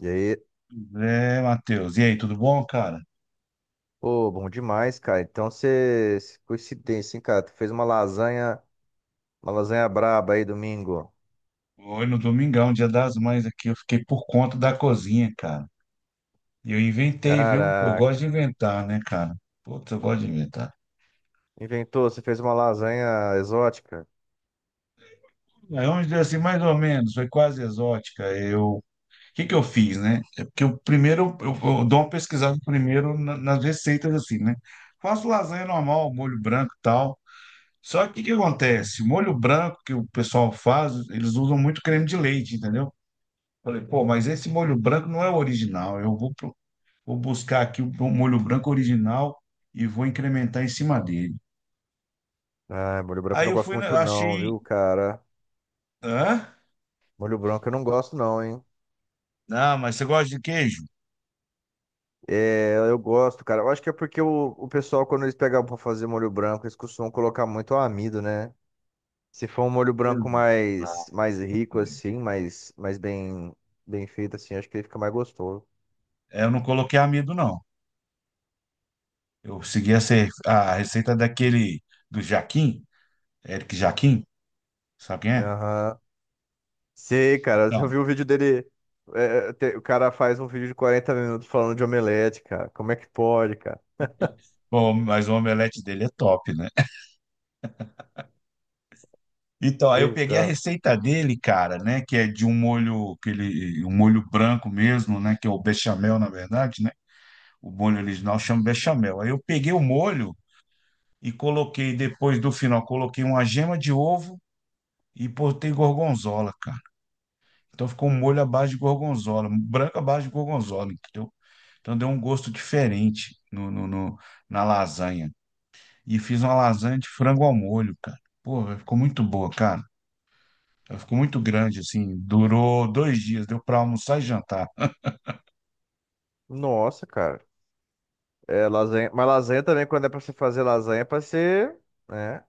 E aí, É, Matheus. E aí, tudo bom, cara? pô, bom demais, cara. Então você, coincidência, hein, cara? Tu fez uma lasanha braba aí domingo. Hoje no Domingão, Dia das Mães aqui, eu fiquei por conta da cozinha, cara. E eu inventei, viu? Eu gosto Caraca, de inventar, né, cara? Putz, eu gosto de inventar. inventou, você fez uma lasanha exótica. Aí vamos dizer assim, mais ou menos, foi quase exótica. Eu, o que que eu fiz, né? É porque eu primeiro, eu dou uma pesquisada primeiro nas receitas, assim, né? Faço lasanha normal, molho branco e tal. Só que o que que acontece? O molho branco que o pessoal faz, eles usam muito creme de leite, entendeu? Falei, pô, mas esse molho branco não é o original. Eu vou, vou buscar aqui o molho branco original e vou incrementar em cima dele. Ah, molho branco eu Aí não eu gosto fui, muito não, achei. viu, cara? Hã? Molho branco eu não gosto não, hein? Não, mas você gosta de queijo? É, eu gosto, cara. Eu acho que é porque o pessoal, quando eles pegavam pra fazer molho branco, eles costumam colocar muito amido, né? Se for um molho branco mais, Exato. mais rico, assim, mais bem feito, assim, acho que ele fica mais gostoso. É, eu não coloquei amido, não. Eu segui a receita daquele do Jaquim, Eric Jaquim, sabe quem é? Aham. Sei, cara, eu já Então, vi um vídeo dele. É, o cara faz um vídeo de 40 minutos falando de omelete, cara. Como é que pode, cara? bom, mas o omelete dele é top, né? Então, aí eu peguei a Então. receita dele, cara, né, que é de um molho, aquele um molho branco mesmo, né, que é o bechamel, na verdade, né? O molho original chama bechamel. Aí eu peguei o molho e coloquei depois do final, coloquei uma gema de ovo e botei gorgonzola, cara. Então ficou um molho à base de gorgonzola, branco à base de gorgonzola, entendeu? Então deu um gosto diferente na lasanha. E fiz uma lasanha de frango ao molho, cara. Porra, ficou muito boa, cara. Ela ficou muito grande, assim. Durou dois dias, deu para almoçar e jantar. Nossa, cara. É, lasanha. Mas lasanha também, quando é pra você fazer lasanha, é pra ser. Né?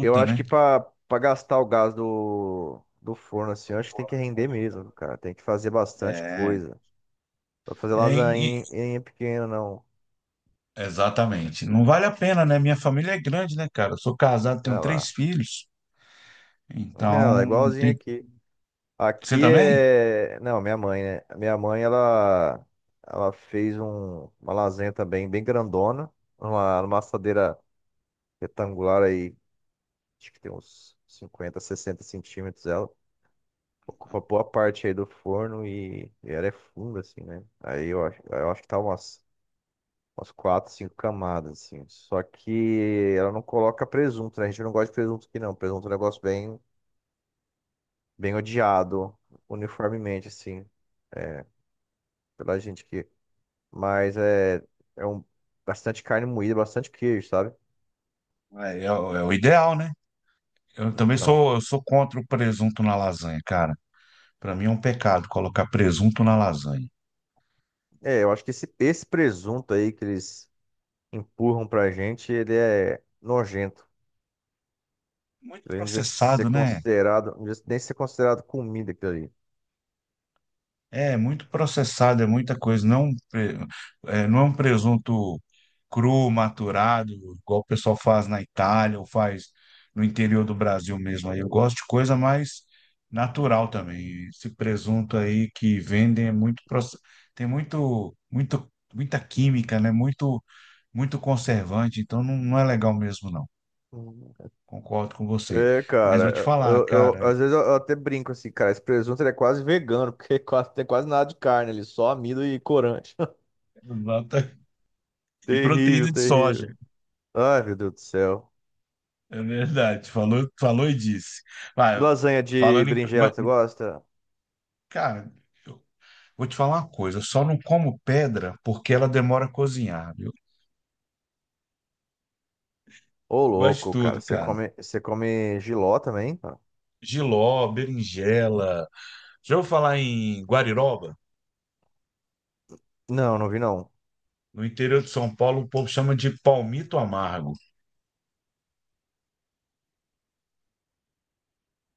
Eu acho né? que pra gastar o gás do forno, assim, eu acho que tem que render mesmo, cara. Tem que fazer bastante É, coisa. Pra fazer é, e- lasanha em pequena, não. exatamente. Não vale a pena, né? Minha família é grande, né, cara? Eu sou casado, tenho Olha três lá. filhos, Olha lá, então igualzinho tem. aqui. Você Aqui também? é. Não, minha mãe, né? Minha mãe, ela, uma lasanha também bem grandona, numa assadeira retangular aí, acho que tem uns 50, 60 centímetros ela. Ocupa boa parte aí do forno e ela é funda, assim, né? Aí eu acho que tá umas 4, 5 camadas, assim. Só que ela não coloca presunto, né? A gente não gosta de presunto aqui, não. Presunto é um negócio bem odiado, uniformemente, assim. É, pela gente que, mas é, é um, bastante carne moída, bastante queijo, sabe? É, é o é o ideal, né? Eu também Então, sou, eu sou contra o presunto na lasanha, cara. Para mim é um pecado colocar presunto na lasanha. é, eu acho que esse presunto aí que eles empurram pra gente, ele é nojento. Muito Ele não devia ser processado, né? considerado, não devia nem ser considerado comida aquilo ali. É muito processado, é muita coisa. Não, não é um presunto cru, maturado, igual o pessoal faz na Itália ou faz no interior do Brasil mesmo. Aí eu gosto de coisa mais natural também. Esse presunto aí que vendem é tem muito, muito, muita química, né? Muito, muito conservante. Então não, não é legal mesmo, não. Hum. Concordo com você. É, Mas vou te cara, falar, eu, cara. às vezes eu até brinco assim, cara, esse presunto ele é quase vegano, porque quase, tem quase nada de carne ali, só amido e corante. nota- e Terrível, proteína de soja. terrível. Ai, meu Deus do céu. É verdade, falou, falou e disse. Vai, Lasanha de falando em. berinjela, Mas, você gosta? Cara, eu vou te falar uma coisa, eu só não como pedra porque ela demora a cozinhar, viu? Ô, Gosto de louco, cara. tudo, Você cara. come, você come jiló também, cara? Jiló, berinjela. Já ouviu falar em guariroba? Não, não vi não. No interior de São Paulo, o povo chama de palmito amargo.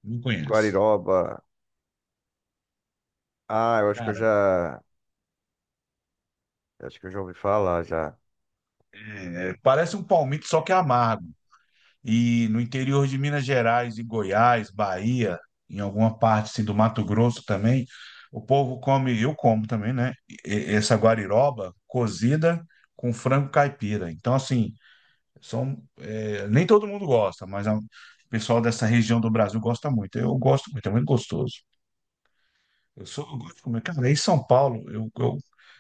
Não conhece. Guariroba. Ah, Cara, eu acho que eu já ouvi falar já. Parece um palmito, só que é amargo. E no interior de Minas Gerais e Goiás, Bahia, em alguma parte assim, do Mato Grosso também, o povo come, eu como também, né? Essa guariroba cozida com frango caipira. Então, assim, nem todo mundo gosta, mas o pessoal dessa região do Brasil gosta muito. Eu gosto muito, é muito gostoso. Eu sou, eu gosto de comer. Cara, em São Paulo,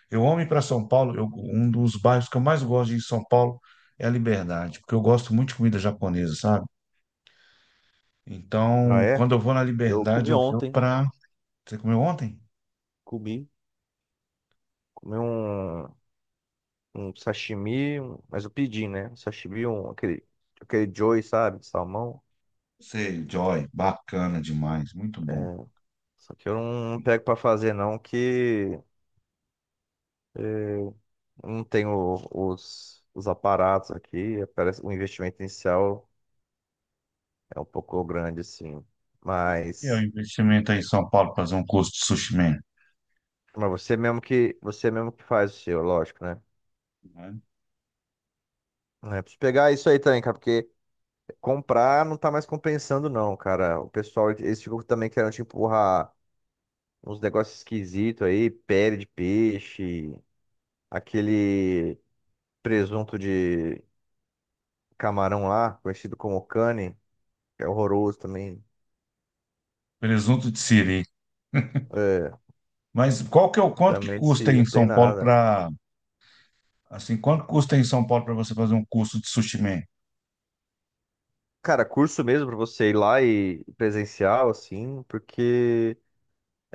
eu amo ir para São Paulo. Um dos bairros que eu mais gosto de ir em São Paulo é a Liberdade, porque eu gosto muito de comida japonesa, sabe? Ah, Então, é? quando eu vou na Eu Liberdade, comi eu vou ontem. para. Você comeu ontem? Comi. Comi um sashimi, mas eu pedi, né? Um sashimi, aquele joy, sabe? De salmão. Sei, Joy, bacana demais, muito bom. Só que eu não pego pra fazer não, que eh, não tenho os aparatos aqui. Parece, o investimento inicial é um pouco grande, assim. E é o Mas... investimento aí em São Paulo para fazer um curso de sushi man, Mas você mesmo que faz o seu, lógico, né? né? É, preciso pegar isso aí também, cara, porque comprar não tá mais compensando, não, cara. O pessoal, eles ficam também querendo te empurrar uns negócios esquisitos aí, pele de peixe, aquele presunto de camarão lá, conhecido como cane, que é horroroso também. Presunto de siri. É, Mas qual que é o quanto que também de custa aí Siri em não tem São Paulo nada. para assim, quanto custa aí em São Paulo para você fazer um curso de sushi man? Cara, curso mesmo pra você ir lá e presencial, assim, porque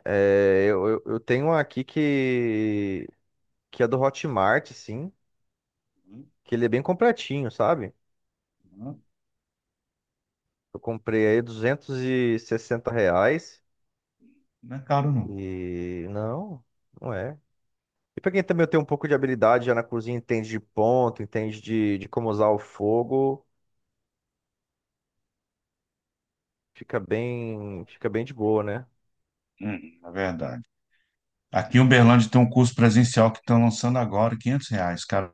é, eu tenho uma aqui que é do Hotmart, sim, que ele é bem completinho, sabe? Uhum. Eu comprei aí R$ 260 Não é caro não. e não, não é. E pra quem também tem um pouco de habilidade já na cozinha, entende de ponto, entende de como usar o fogo, fica bem de boa, né? Na verdade. Aqui em Uberlândia tem um curso presencial que estão lançando agora, quinhentos R$ 500,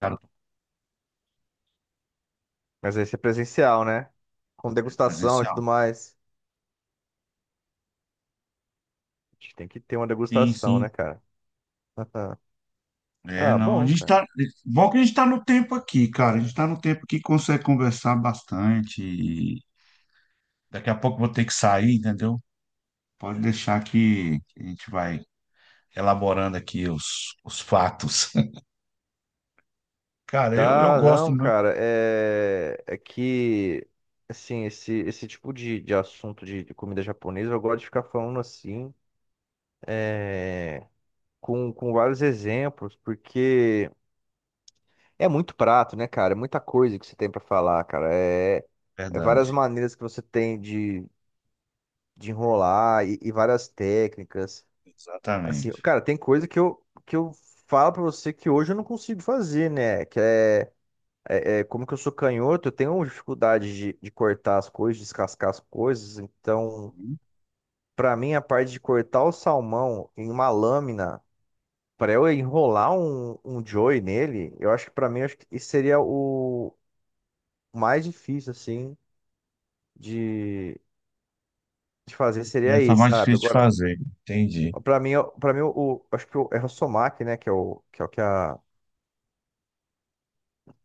cara, Mas aí é presencial, né? Com degustação e tudo presencial. mais. A gente tem que ter uma Sim, degustação, sim, né, cara? é, Ah, não, a bom, gente cara. tá. Bom que a gente tá no tempo aqui, cara. A gente tá no tempo que consegue conversar bastante. E daqui a pouco eu vou ter que sair, entendeu? Pode deixar que a gente vai elaborando aqui os fatos. Cara, eu Tá, gosto não, muito, cara, é que, assim, esse tipo de assunto de comida japonesa, eu gosto de ficar falando assim, é, com vários exemplos, porque é muito prato, né, cara? É muita coisa que você tem pra falar, cara. É várias verdade. maneiras que você tem de enrolar e várias técnicas. Assim, Exatamente. cara, tem coisa que eu falo pra você que hoje eu não consigo fazer, né? Como que eu sou canhoto, eu tenho dificuldade de cortar as coisas, descascar as coisas. Então, para mim, a parte de cortar o salmão em uma lâmina, para eu enrolar um joey nele, eu acho que para mim, eu acho que isso seria o mais difícil, assim, de, de fazer, seria Essa é isso, mais sabe? difícil de Agora, fazer, entendi. para mim, para mim, é o somac, né, que é o que, é o que a, a,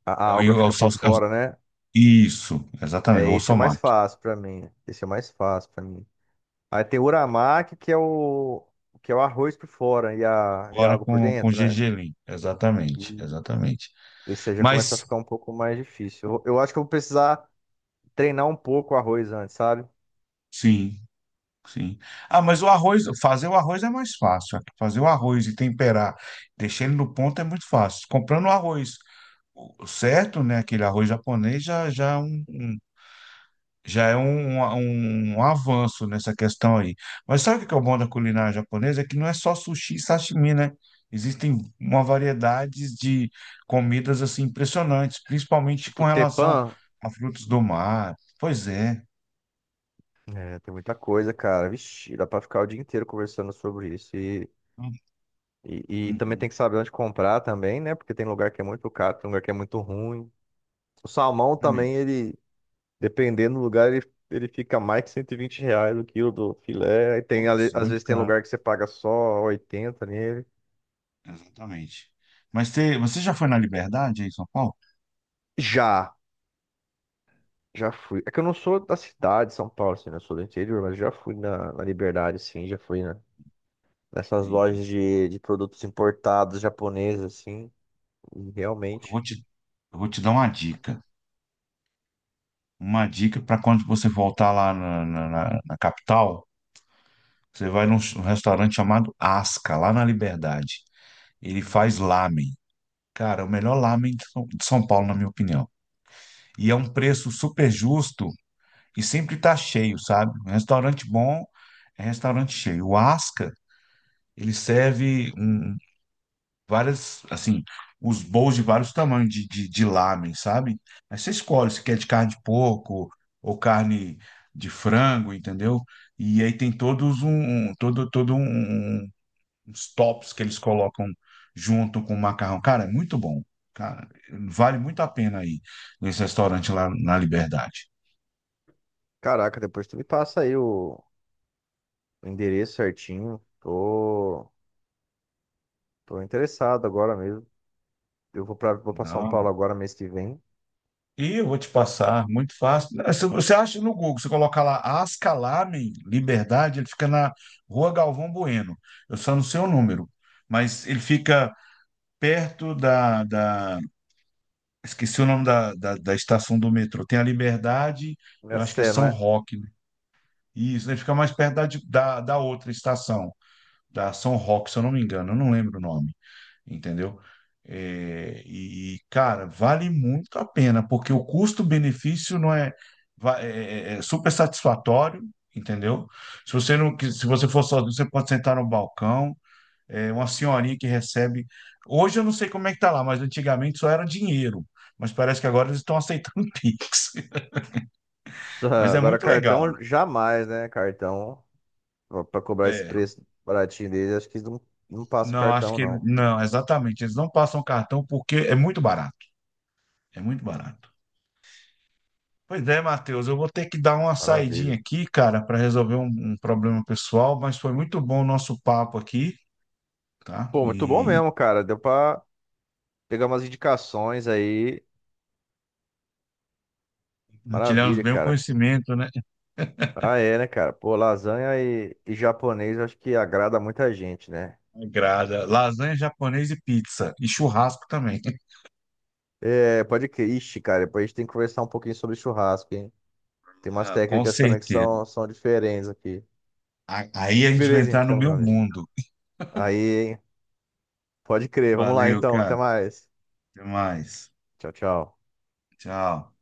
a É o, alga é o, fica por sal- é o- fora, né? isso, exatamente, É, o esse é o mais somar. fácil para mim. Esse é o mais fácil para mim. Aí tem o uramaki, que é o arroz por fora e a Agora água por com dentro, né? gergelim, exatamente, E exatamente. esse aí já começa a Mas, ficar um pouco mais difícil. Eu acho que eu vou precisar treinar um pouco o arroz antes, sabe? sim. Sim. Ah, mas o arroz, fazer o arroz é mais fácil. Fazer o arroz e temperar, deixar ele no ponto é muito fácil. Comprando o arroz o certo, né, aquele arroz japonês já é já é um, um, um avanço nessa questão aí. Mas sabe o que que é o bom da culinária japonesa? É que não é só sushi e sashimi, né? Existem uma variedade de comidas assim impressionantes, principalmente com Tipo, relação tepan, a frutos do mar. Pois é. é, tem muita coisa, cara. Vixe, dá pra ficar o dia inteiro conversando sobre isso. E também Uhum, tem que saber onde comprar também, né? Porque tem lugar que é muito caro, tem lugar que é muito ruim. O salmão também, exatamente. ele dependendo do lugar, ele fica mais que R$ 120 o quilo do filé. Aí tem, Putz, às muito vezes tem caro. lugar que você paga só oitenta nele. Exatamente. Mas você já foi na Liberdade aí em São Paulo? Já, já fui. É que eu não sou da cidade, de São Paulo, assim, né? Eu sou do interior, mas já fui na Liberdade, sim, já fui, né? Nessas Entendi. lojas de produtos importados japoneses, assim, e Eu realmente. vou te, eu vou te dar uma dica. Uma dica para quando você voltar lá na capital, você vai num restaurante chamado Asca, lá na Liberdade. Ele faz lamen. Cara, é o melhor lamen de São Paulo, na minha opinião. E é um preço super justo e sempre tá cheio, sabe? Um restaurante bom é restaurante cheio. O Asca, ele serve um várias, assim, os bowls de vários tamanhos de lamen, sabe? Aí você escolhe se quer de carne de porco ou carne de frango, entendeu? E aí tem todos um, um- todo, todo um, um, um, uns tops que eles colocam junto com o macarrão. Cara, é muito bom. Cara, vale muito a pena aí nesse restaurante lá na Liberdade. Caraca, depois tu me passa aí o endereço certinho. Tô interessado agora mesmo. Eu vou pra São Não. Paulo agora, mês que vem. E eu vou te passar, muito fácil. É, se você acha no Google, você coloca lá Asca Lamen, Liberdade, ele fica na Rua Galvão Bueno. Eu só não sei o número, mas ele fica perto esqueci o nome da estação do metrô. Tem a Liberdade, É eu acho que é sério, não São é? Roque, né? Isso, ele fica mais perto da outra estação da Ação Rock, se eu não me engano, eu não lembro o nome, entendeu? É, e, cara, vale muito a pena, porque o custo-benefício não é, é super satisfatório, entendeu? Se você não, se você for sozinho, você pode sentar no balcão, é uma senhorinha que recebe. Hoje eu não sei como é que tá lá, mas antigamente só era dinheiro. Mas parece que agora eles estão aceitando Pix. Mas é Agora, muito legal. cartão jamais, né? Cartão, pra cobrar esse É, preço baratinho dele, acho que eles não passa o não, acho cartão, que não. não, exatamente. Eles não passam cartão porque é muito barato. É muito barato. Pois é, Matheus, eu vou ter que dar uma saidinha Maravilha. aqui, cara, para resolver um problema pessoal, mas foi muito bom o nosso papo aqui, tá? Pô, muito bom E mesmo, cara. Deu pra pegar umas indicações aí. partilhamos Maravilha, bem o cara. conhecimento, né? Ah, é, né, cara? Pô, lasanha e japonês acho que agrada muita gente, né? Agrada. Lasanha japonesa e pizza, e churrasco também. É, pode que. Ixi, cara, depois a gente tem que conversar um pouquinho sobre churrasco, hein? Tem umas Ah, com técnicas também que certeza. são diferentes aqui. Aí a gente vai Beleza, entrar no então, meu meu amigo. mundo. Aí, hein? Pode crer. Vamos lá, Valeu, então. Até cara. mais. Até mais. Tchau, tchau. Tchau.